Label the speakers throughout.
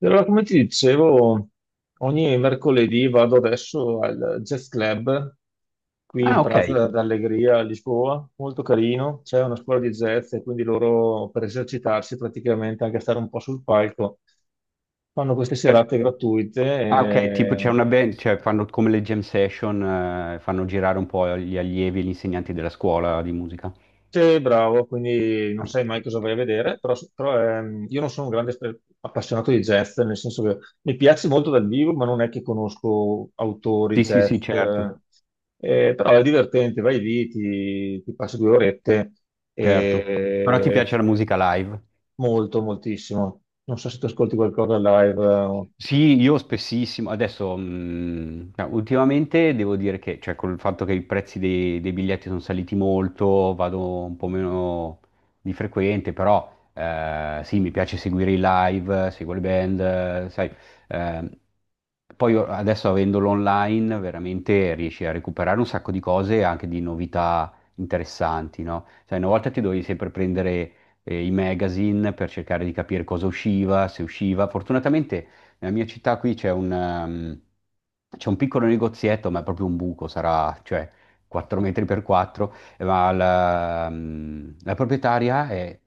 Speaker 1: Allora, come ti dicevo, ogni mercoledì vado adesso al Jazz Club qui in
Speaker 2: Ah, ok.
Speaker 1: Praza d'Allegria a Lisboa, molto carino, c'è una scuola di jazz e quindi loro per esercitarsi praticamente, anche stare un po' sul palco, fanno queste
Speaker 2: Cioè-
Speaker 1: serate gratuite.
Speaker 2: ah, ok, tipo c'è una band, cioè fanno come le jam session, fanno girare un po' gli allievi e gli insegnanti della scuola di musica.
Speaker 1: Sì, bravo, quindi non sai mai cosa vai a vedere, però, io non sono un grande appassionato di jazz, nel senso che mi piace molto dal vivo, ma non è che conosco autori
Speaker 2: Sì, sì,
Speaker 1: jazz,
Speaker 2: sì, certo,
Speaker 1: però è divertente, vai lì, ti passi due orette.
Speaker 2: certo. Però ti
Speaker 1: E
Speaker 2: piace la musica live?
Speaker 1: molto, moltissimo. Non so se tu ascolti qualcosa live.
Speaker 2: Sì, io spessissimo. Adesso, no, ultimamente devo dire che, cioè, col fatto che i prezzi dei biglietti sono saliti molto, vado un po' meno di frequente, però sì, mi piace seguire i live, seguo le band, sai. eh, poi adesso avendolo online, veramente riesci a recuperare un sacco di cose e anche di novità interessanti, no? Sai, una volta ti dovevi sempre prendere i magazine per cercare di capire cosa usciva, se usciva. Fortunatamente nella mia città qui c'è un piccolo negozietto, ma è proprio un buco, sarà, cioè, 4 metri per 4, ma la proprietaria è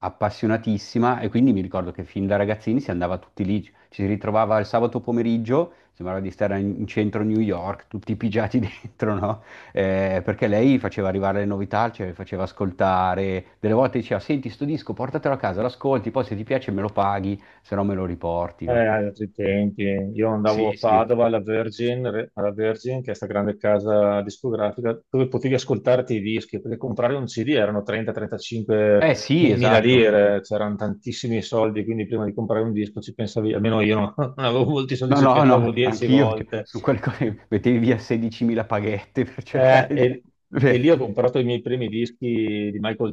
Speaker 2: appassionatissima e quindi mi ricordo che fin da ragazzini si andava tutti lì, ci si ritrovava il sabato pomeriggio, sembrava di stare in centro New York, tutti pigiati dentro, no? Perché lei faceva arrivare le novità, ce le faceva ascoltare, delle volte diceva, senti, sto disco, portatelo a casa, l'ascolti, poi se ti piace me lo paghi, se no me lo riporti, no?
Speaker 1: Altri tempi. Io andavo a
Speaker 2: Sì, sì.
Speaker 1: Padova alla Virgin, che è questa grande casa discografica, dove potevi ascoltarti i dischi, perché comprare un CD erano 30-35
Speaker 2: Eh sì,
Speaker 1: mila
Speaker 2: esatto.
Speaker 1: lire, c'erano tantissimi soldi, quindi prima di comprare un disco ci pensavi, almeno io non, non avevo molti soldi,
Speaker 2: No,
Speaker 1: ci
Speaker 2: no, no,
Speaker 1: pensavo 10
Speaker 2: anch'io, cioè,
Speaker 1: volte.
Speaker 2: su quelle cose mettevi via 16.000 paghette per
Speaker 1: Eh,
Speaker 2: cercare di...
Speaker 1: e, e
Speaker 2: Cioè,
Speaker 1: lì ho comprato i miei primi dischi di Michael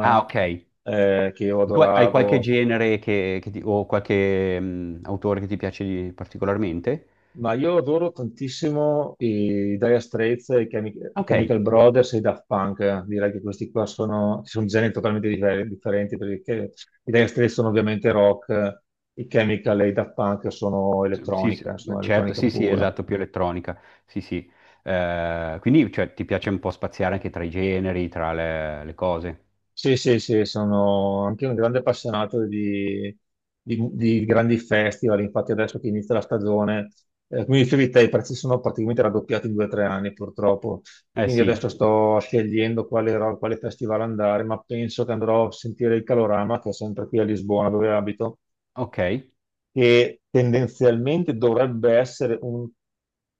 Speaker 2: Ah, ok.
Speaker 1: che io
Speaker 2: Tu hai qualche
Speaker 1: adoravo.
Speaker 2: genere che, o qualche autore che ti piace particolarmente?
Speaker 1: Ma io adoro tantissimo i Dire Straits, i
Speaker 2: Ok,
Speaker 1: Chemical Brothers e i Daft Punk. Direi che questi qua sono generi totalmente differenti, perché i Dire Straits sono ovviamente rock, i Chemical e i Daft Punk
Speaker 2: sì, sì,
Speaker 1: sono
Speaker 2: certo,
Speaker 1: elettronica
Speaker 2: sì, sì,
Speaker 1: pura.
Speaker 2: esatto, più elettronica, sì, sì. Quindi, cioè, ti piace un po' spaziare anche tra i generi, tra le cose?
Speaker 1: Sì, sì, sì, sono anche un grande appassionato di grandi festival. Infatti adesso che inizia la stagione, come dicevi te, i prezzi sono praticamente raddoppiati in 2 o 3 anni purtroppo,
Speaker 2: Eh
Speaker 1: quindi adesso
Speaker 2: sì,
Speaker 1: sto scegliendo quale festival andare, ma penso che andrò a sentire il Calorama, che è sempre qui a Lisbona dove abito,
Speaker 2: ok,
Speaker 1: che tendenzialmente dovrebbe essere un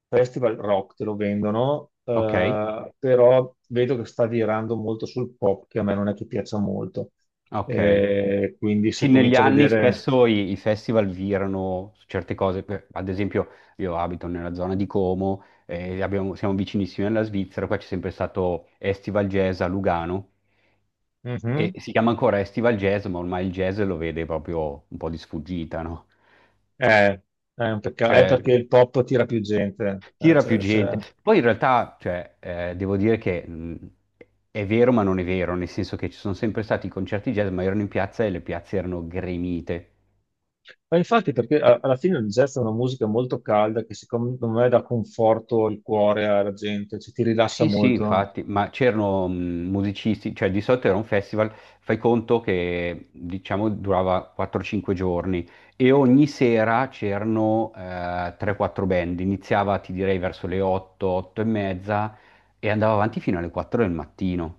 Speaker 1: festival rock, te lo vendono,
Speaker 2: ok,
Speaker 1: però vedo che sta virando molto sul pop, che a me non è che piaccia molto.
Speaker 2: ok.
Speaker 1: Quindi se
Speaker 2: Sì, negli
Speaker 1: comincio a
Speaker 2: anni
Speaker 1: vedere.
Speaker 2: spesso i festival virano su certe cose, ad esempio io abito nella zona di Como, siamo vicinissimi alla Svizzera, qua c'è sempre stato Estival Jazz a Lugano e
Speaker 1: Mhm.
Speaker 2: si chiama ancora Estival Jazz, ma ormai il jazz lo vede proprio un po' di sfuggita, no?
Speaker 1: Eh, è un peccato, è
Speaker 2: Cioè,
Speaker 1: perché il pop tira più gente.
Speaker 2: tira più gente. Poi in realtà, cioè, devo dire che è vero ma non è vero, nel senso che ci sono sempre stati i concerti jazz, ma erano in piazza e le piazze erano gremite.
Speaker 1: Ma infatti, perché alla fine il jazz è una musica molto calda che secondo me dà conforto al cuore alla gente, cioè, ti rilassa
Speaker 2: Sì, sì,
Speaker 1: molto.
Speaker 2: infatti, ma c'erano musicisti, cioè di solito era un festival, fai conto che diciamo durava 4-5 giorni e ogni sera c'erano 3-4 band, iniziava ti direi verso le 8, 8 e mezza e andava avanti fino alle 4 del mattino.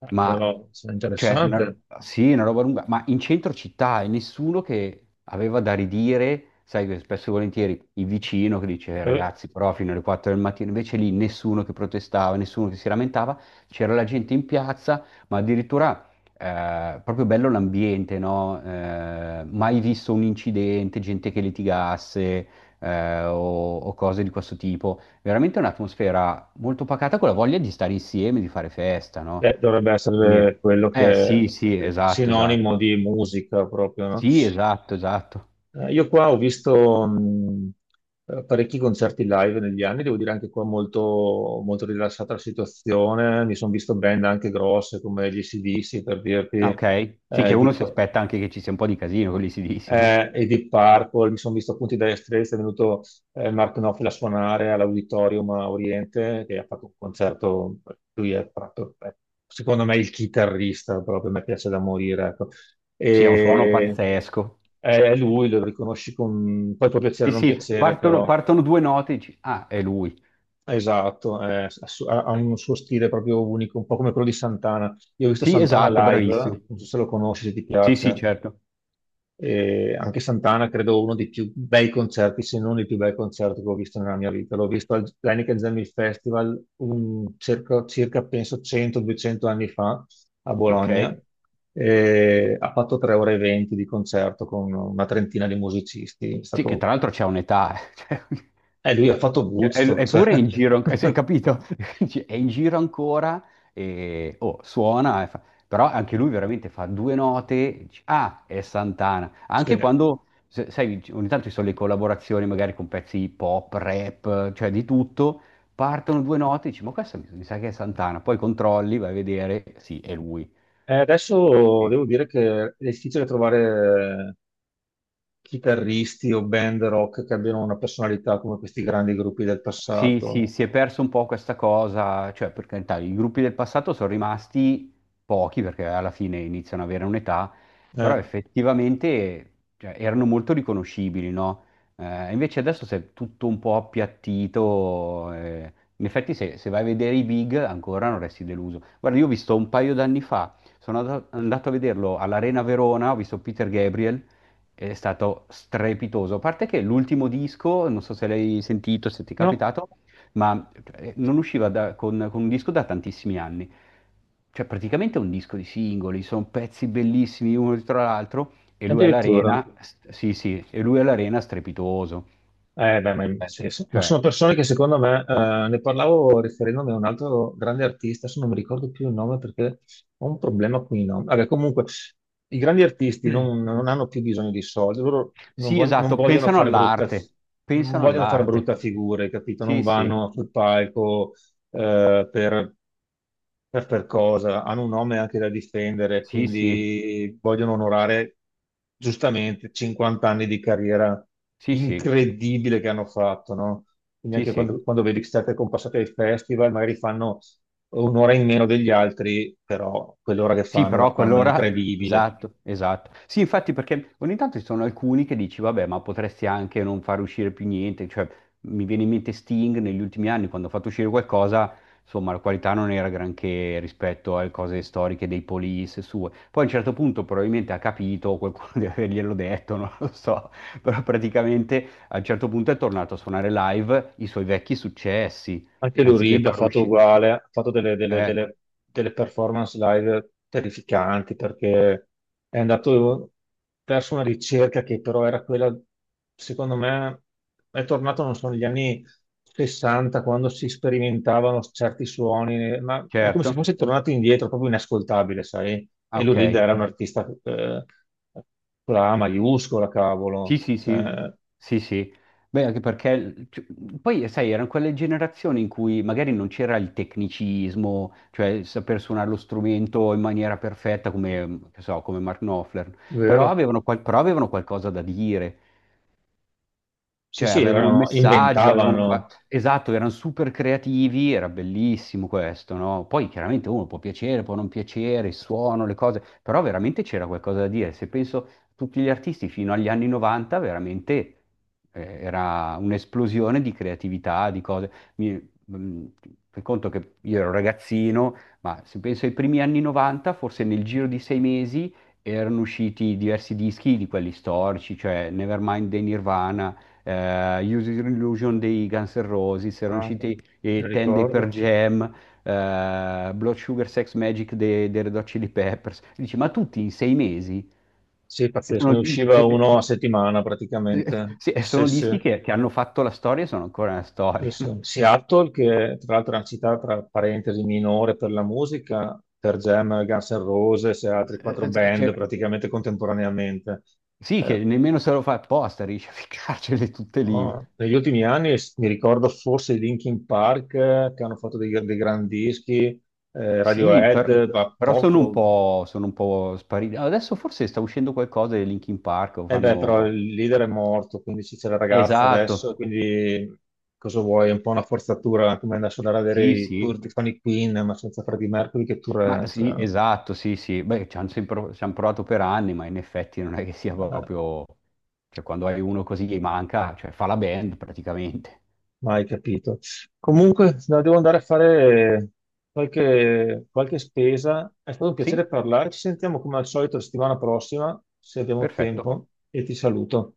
Speaker 2: Ma,
Speaker 1: Però, cioè, è
Speaker 2: cioè,
Speaker 1: interessante.
Speaker 2: sì, una roba lunga, ma in centro città e nessuno che aveva da ridire, sai che spesso e volentieri il vicino che dice,
Speaker 1: Eh,
Speaker 2: ragazzi, però fino alle 4 del mattino, invece lì nessuno che protestava, nessuno che si lamentava, c'era la gente in piazza, ma addirittura proprio bello l'ambiente, no? Mai visto un incidente, gente che litigasse o cose di questo tipo. Veramente un'atmosfera molto pacata con la voglia di stare insieme, di fare festa, no?
Speaker 1: Dovrebbe
Speaker 2: Quindi,
Speaker 1: essere quello
Speaker 2: eh
Speaker 1: che è
Speaker 2: sì, sì, esatto,
Speaker 1: sinonimo
Speaker 2: esatto.
Speaker 1: di musica proprio, no?
Speaker 2: Sì, esatto, esatto.
Speaker 1: Io qua ho visto parecchi concerti live negli anni, devo dire anche qua molto, molto rilassata la situazione. Mi sono visto band anche grosse come gli AC/DC per dirti,
Speaker 2: Ah, sì. Ok. Sì, che
Speaker 1: eh,
Speaker 2: uno
Speaker 1: di-
Speaker 2: si aspetta anche che ci sia un po' di casino con gli AC/DC, no?
Speaker 1: e Deep Purple, mi sono visto appunto i Dire Straits, è venuto Mark Knopfler a suonare all'Auditorium a Oriente, che ha fatto un concerto. Lui è proprio, secondo me, il chitarrista, proprio, mi piace da morire, ecco.
Speaker 2: Sì, ha un suono
Speaker 1: E
Speaker 2: pazzesco.
Speaker 1: è lui, lo riconosci con... poi può piacere
Speaker 2: Sì,
Speaker 1: o non
Speaker 2: sì,
Speaker 1: piacere,
Speaker 2: partono,
Speaker 1: però...
Speaker 2: partono due note e dici, ah, è lui.
Speaker 1: Esatto, ha un suo stile proprio unico, un po' come quello di Santana. Io ho visto
Speaker 2: Sì,
Speaker 1: Santana
Speaker 2: esatto,
Speaker 1: live,
Speaker 2: bravissimo.
Speaker 1: non so se lo conosci, se ti
Speaker 2: Sì, sì,
Speaker 1: piace.
Speaker 2: certo.
Speaker 1: E anche Santana credo uno dei più bei concerti, se non il più bel concerto che ho visto nella mia vita. L'ho visto al Heineken Jam Hill Festival circa, penso 100-200 anni fa a
Speaker 2: Ok.
Speaker 1: Bologna. E ha fatto 3 ore e 20 di concerto con una trentina di musicisti. È
Speaker 2: Sì, che tra
Speaker 1: stato-
Speaker 2: l'altro c'è un'età. Eh. Cioè,
Speaker 1: eh, lui ha fatto
Speaker 2: E-
Speaker 1: Woodstock, cioè.
Speaker 2: eppure è in giro, cioè, hai capito? Dici, è in giro ancora e oh, suona, però anche lui veramente fa due note, dici, ah, è Santana. Anche
Speaker 1: Sì.
Speaker 2: quando, sai, ogni tanto ci sono le collaborazioni magari con pezzi pop, rap, cioè di tutto, partono due note, dici, ma questo mi sa che è Santana, poi controlli, vai a vedere, sì, è lui.
Speaker 1: E adesso devo dire che è difficile trovare chitarristi o band rock che abbiano una personalità come questi grandi gruppi del
Speaker 2: Sì, sì,
Speaker 1: passato.
Speaker 2: si è perso un po' questa cosa, cioè per carità, i gruppi del passato sono rimasti pochi perché alla fine iniziano ad avere un'età, però
Speaker 1: Eh,
Speaker 2: effettivamente cioè, erano molto riconoscibili, no? Invece adesso si è tutto un po' appiattito, in effetti se vai a vedere i big ancora non resti deluso. Guarda, io ho visto un paio d'anni fa, sono andato a vederlo all'Arena Verona, ho visto Peter Gabriel. È stato strepitoso. A parte che l'ultimo disco, non so se l'hai sentito, se ti è
Speaker 1: no,
Speaker 2: capitato, ma non usciva con un disco da tantissimi anni. Cioè, praticamente è un disco di singoli, sono pezzi bellissimi uno dietro l'altro, e lui
Speaker 1: addirittura.
Speaker 2: all'arena, sì, sì, e lui all'arena strepitoso.
Speaker 1: Beh, ma,
Speaker 2: Beh,
Speaker 1: sì, sì. Ma
Speaker 2: Cioè,
Speaker 1: sono persone che secondo me, ne parlavo riferendomi a un altro grande artista, adesso non mi ricordo più il nome perché ho un problema con i nomi. Vabbè, comunque, i grandi artisti non, non hanno più bisogno di soldi, loro
Speaker 2: sì,
Speaker 1: non
Speaker 2: esatto,
Speaker 1: vogliono
Speaker 2: pensano
Speaker 1: fare brutta,
Speaker 2: all'arte,
Speaker 1: non
Speaker 2: pensano
Speaker 1: vogliono fare brutta
Speaker 2: all'arte.
Speaker 1: figura, hai capito? Non
Speaker 2: Sì, sì,
Speaker 1: vanno sul palco eh, per per cosa, hanno un nome anche da difendere,
Speaker 2: sì, sì,
Speaker 1: quindi vogliono onorare giustamente 50 anni di carriera
Speaker 2: sì, sì,
Speaker 1: incredibile che hanno fatto, no? Quindi
Speaker 2: sì,
Speaker 1: anche
Speaker 2: sì.
Speaker 1: quando vedi state compassate ai festival, magari fanno un'ora in meno degli altri, però quell'ora che
Speaker 2: Sì,
Speaker 1: fanno
Speaker 2: però
Speaker 1: la
Speaker 2: a
Speaker 1: fanno
Speaker 2: quell'ora...
Speaker 1: incredibile.
Speaker 2: Esatto, esatto. Sì, infatti perché ogni tanto ci sono alcuni che dici, vabbè, ma potresti anche non far uscire più niente. Cioè, mi viene in mente Sting negli ultimi anni, quando ha fatto uscire qualcosa, insomma, la qualità non era granché rispetto alle cose storiche dei Police sue. Poi a un certo punto probabilmente ha capito, qualcuno deve averglielo detto, non lo so, però praticamente a un certo punto è tornato a suonare live i suoi vecchi successi,
Speaker 1: Anche Lou
Speaker 2: anziché
Speaker 1: Reed ha
Speaker 2: far
Speaker 1: fatto
Speaker 2: uscire...
Speaker 1: uguale, ha fatto delle, delle-
Speaker 2: Ecco,
Speaker 1: delle- delle performance live terrificanti, perché è andato verso una ricerca che però era quella, secondo me. È tornato, non so, negli anni 60 quando si sperimentavano certi suoni, ma è come se
Speaker 2: certo.
Speaker 1: fosse tornato indietro, proprio inascoltabile, sai?
Speaker 2: Ah,
Speaker 1: E Lou Reed
Speaker 2: ok.
Speaker 1: era un artista con la A maiuscola, cavolo.
Speaker 2: Sì, sì, sì,
Speaker 1: Cioè,
Speaker 2: sì, sì. Beh, anche perché cioè, poi, sai, erano quelle generazioni in cui magari non c'era il tecnicismo, cioè saper suonare lo strumento in maniera perfetta come, che so, come Mark Knopfler, però
Speaker 1: vero?
Speaker 2: avevano qualcosa da dire,
Speaker 1: Sì,
Speaker 2: cioè,
Speaker 1: sì,
Speaker 2: avevano un
Speaker 1: erano,
Speaker 2: messaggio, avevano
Speaker 1: inventavano.
Speaker 2: qua... Esatto, erano super creativi, era bellissimo questo, no? Poi chiaramente uno può piacere, può non piacere, il suono, le cose, però veramente c'era qualcosa da dire. Se penso a tutti gli artisti fino agli anni 90, veramente era un'esplosione di creatività, di cose. Fai conto che io ero ragazzino, ma se penso ai primi anni 90, forse nel giro di 6 mesi erano usciti diversi dischi di quelli storici, cioè Nevermind dei Nirvana, Use Your Illusion dei Guns N' Roses, erano
Speaker 1: Ah,
Speaker 2: usciti
Speaker 1: mi
Speaker 2: Ten Day
Speaker 1: ricordo.
Speaker 2: per Jam, Blood Sugar Sex Magic dei Red Hot Chili Peppers. E dici, ma tutti in 6 mesi?
Speaker 1: Sì,
Speaker 2: E
Speaker 1: pazzesco,
Speaker 2: sono,
Speaker 1: ne
Speaker 2: dis-
Speaker 1: usciva uno a settimana
Speaker 2: e-
Speaker 1: praticamente.
Speaker 2: sì, e
Speaker 1: Sì,
Speaker 2: sono
Speaker 1: sì,
Speaker 2: dischi che hanno fatto la storia e sono ancora nella
Speaker 1: sì,
Speaker 2: storia,
Speaker 1: sì.
Speaker 2: no?
Speaker 1: Seattle, che tra l'altro è una città tra parentesi minore per la musica, per Jam, Guns N' Roses e altri quattro
Speaker 2: Eh, eh,
Speaker 1: band
Speaker 2: cioè,
Speaker 1: praticamente contemporaneamente.
Speaker 2: Sì, che
Speaker 1: Eh,
Speaker 2: nemmeno se lo fa apposta, riesce a ficcarcele tutte lì.
Speaker 1: no, negli ultimi anni mi ricordo forse i Linkin Park, che hanno fatto dei grandi dischi,
Speaker 2: Sì,
Speaker 1: Radiohead, ma
Speaker 2: però sono un
Speaker 1: poco.
Speaker 2: po', sono un po' spariti. Adesso forse sta uscendo qualcosa di Linkin Park, o
Speaker 1: Eh beh, però
Speaker 2: fanno.
Speaker 1: il leader è morto, quindi ci c'è la ragazza
Speaker 2: Esatto,
Speaker 1: adesso, quindi cosa vuoi? È un po' una forzatura, come adesso andare a vedere
Speaker 2: sì,
Speaker 1: i tour
Speaker 2: sì,
Speaker 1: di Fanny Queen, ma senza Freddie Mercury, che tour
Speaker 2: ma
Speaker 1: è?
Speaker 2: sì,
Speaker 1: Cioè,
Speaker 2: esatto, sì, sì, beh, ci han provato per anni, ma in effetti non è che sia
Speaker 1: eh,
Speaker 2: proprio, cioè quando hai uno così gli manca, cioè fa la band praticamente.
Speaker 1: mai capito. Comunque, no, devo andare a fare qualche spesa. È stato un piacere
Speaker 2: Sì,
Speaker 1: parlare, ci sentiamo come al solito la settimana prossima, se abbiamo
Speaker 2: perfetto.
Speaker 1: tempo, e ti saluto.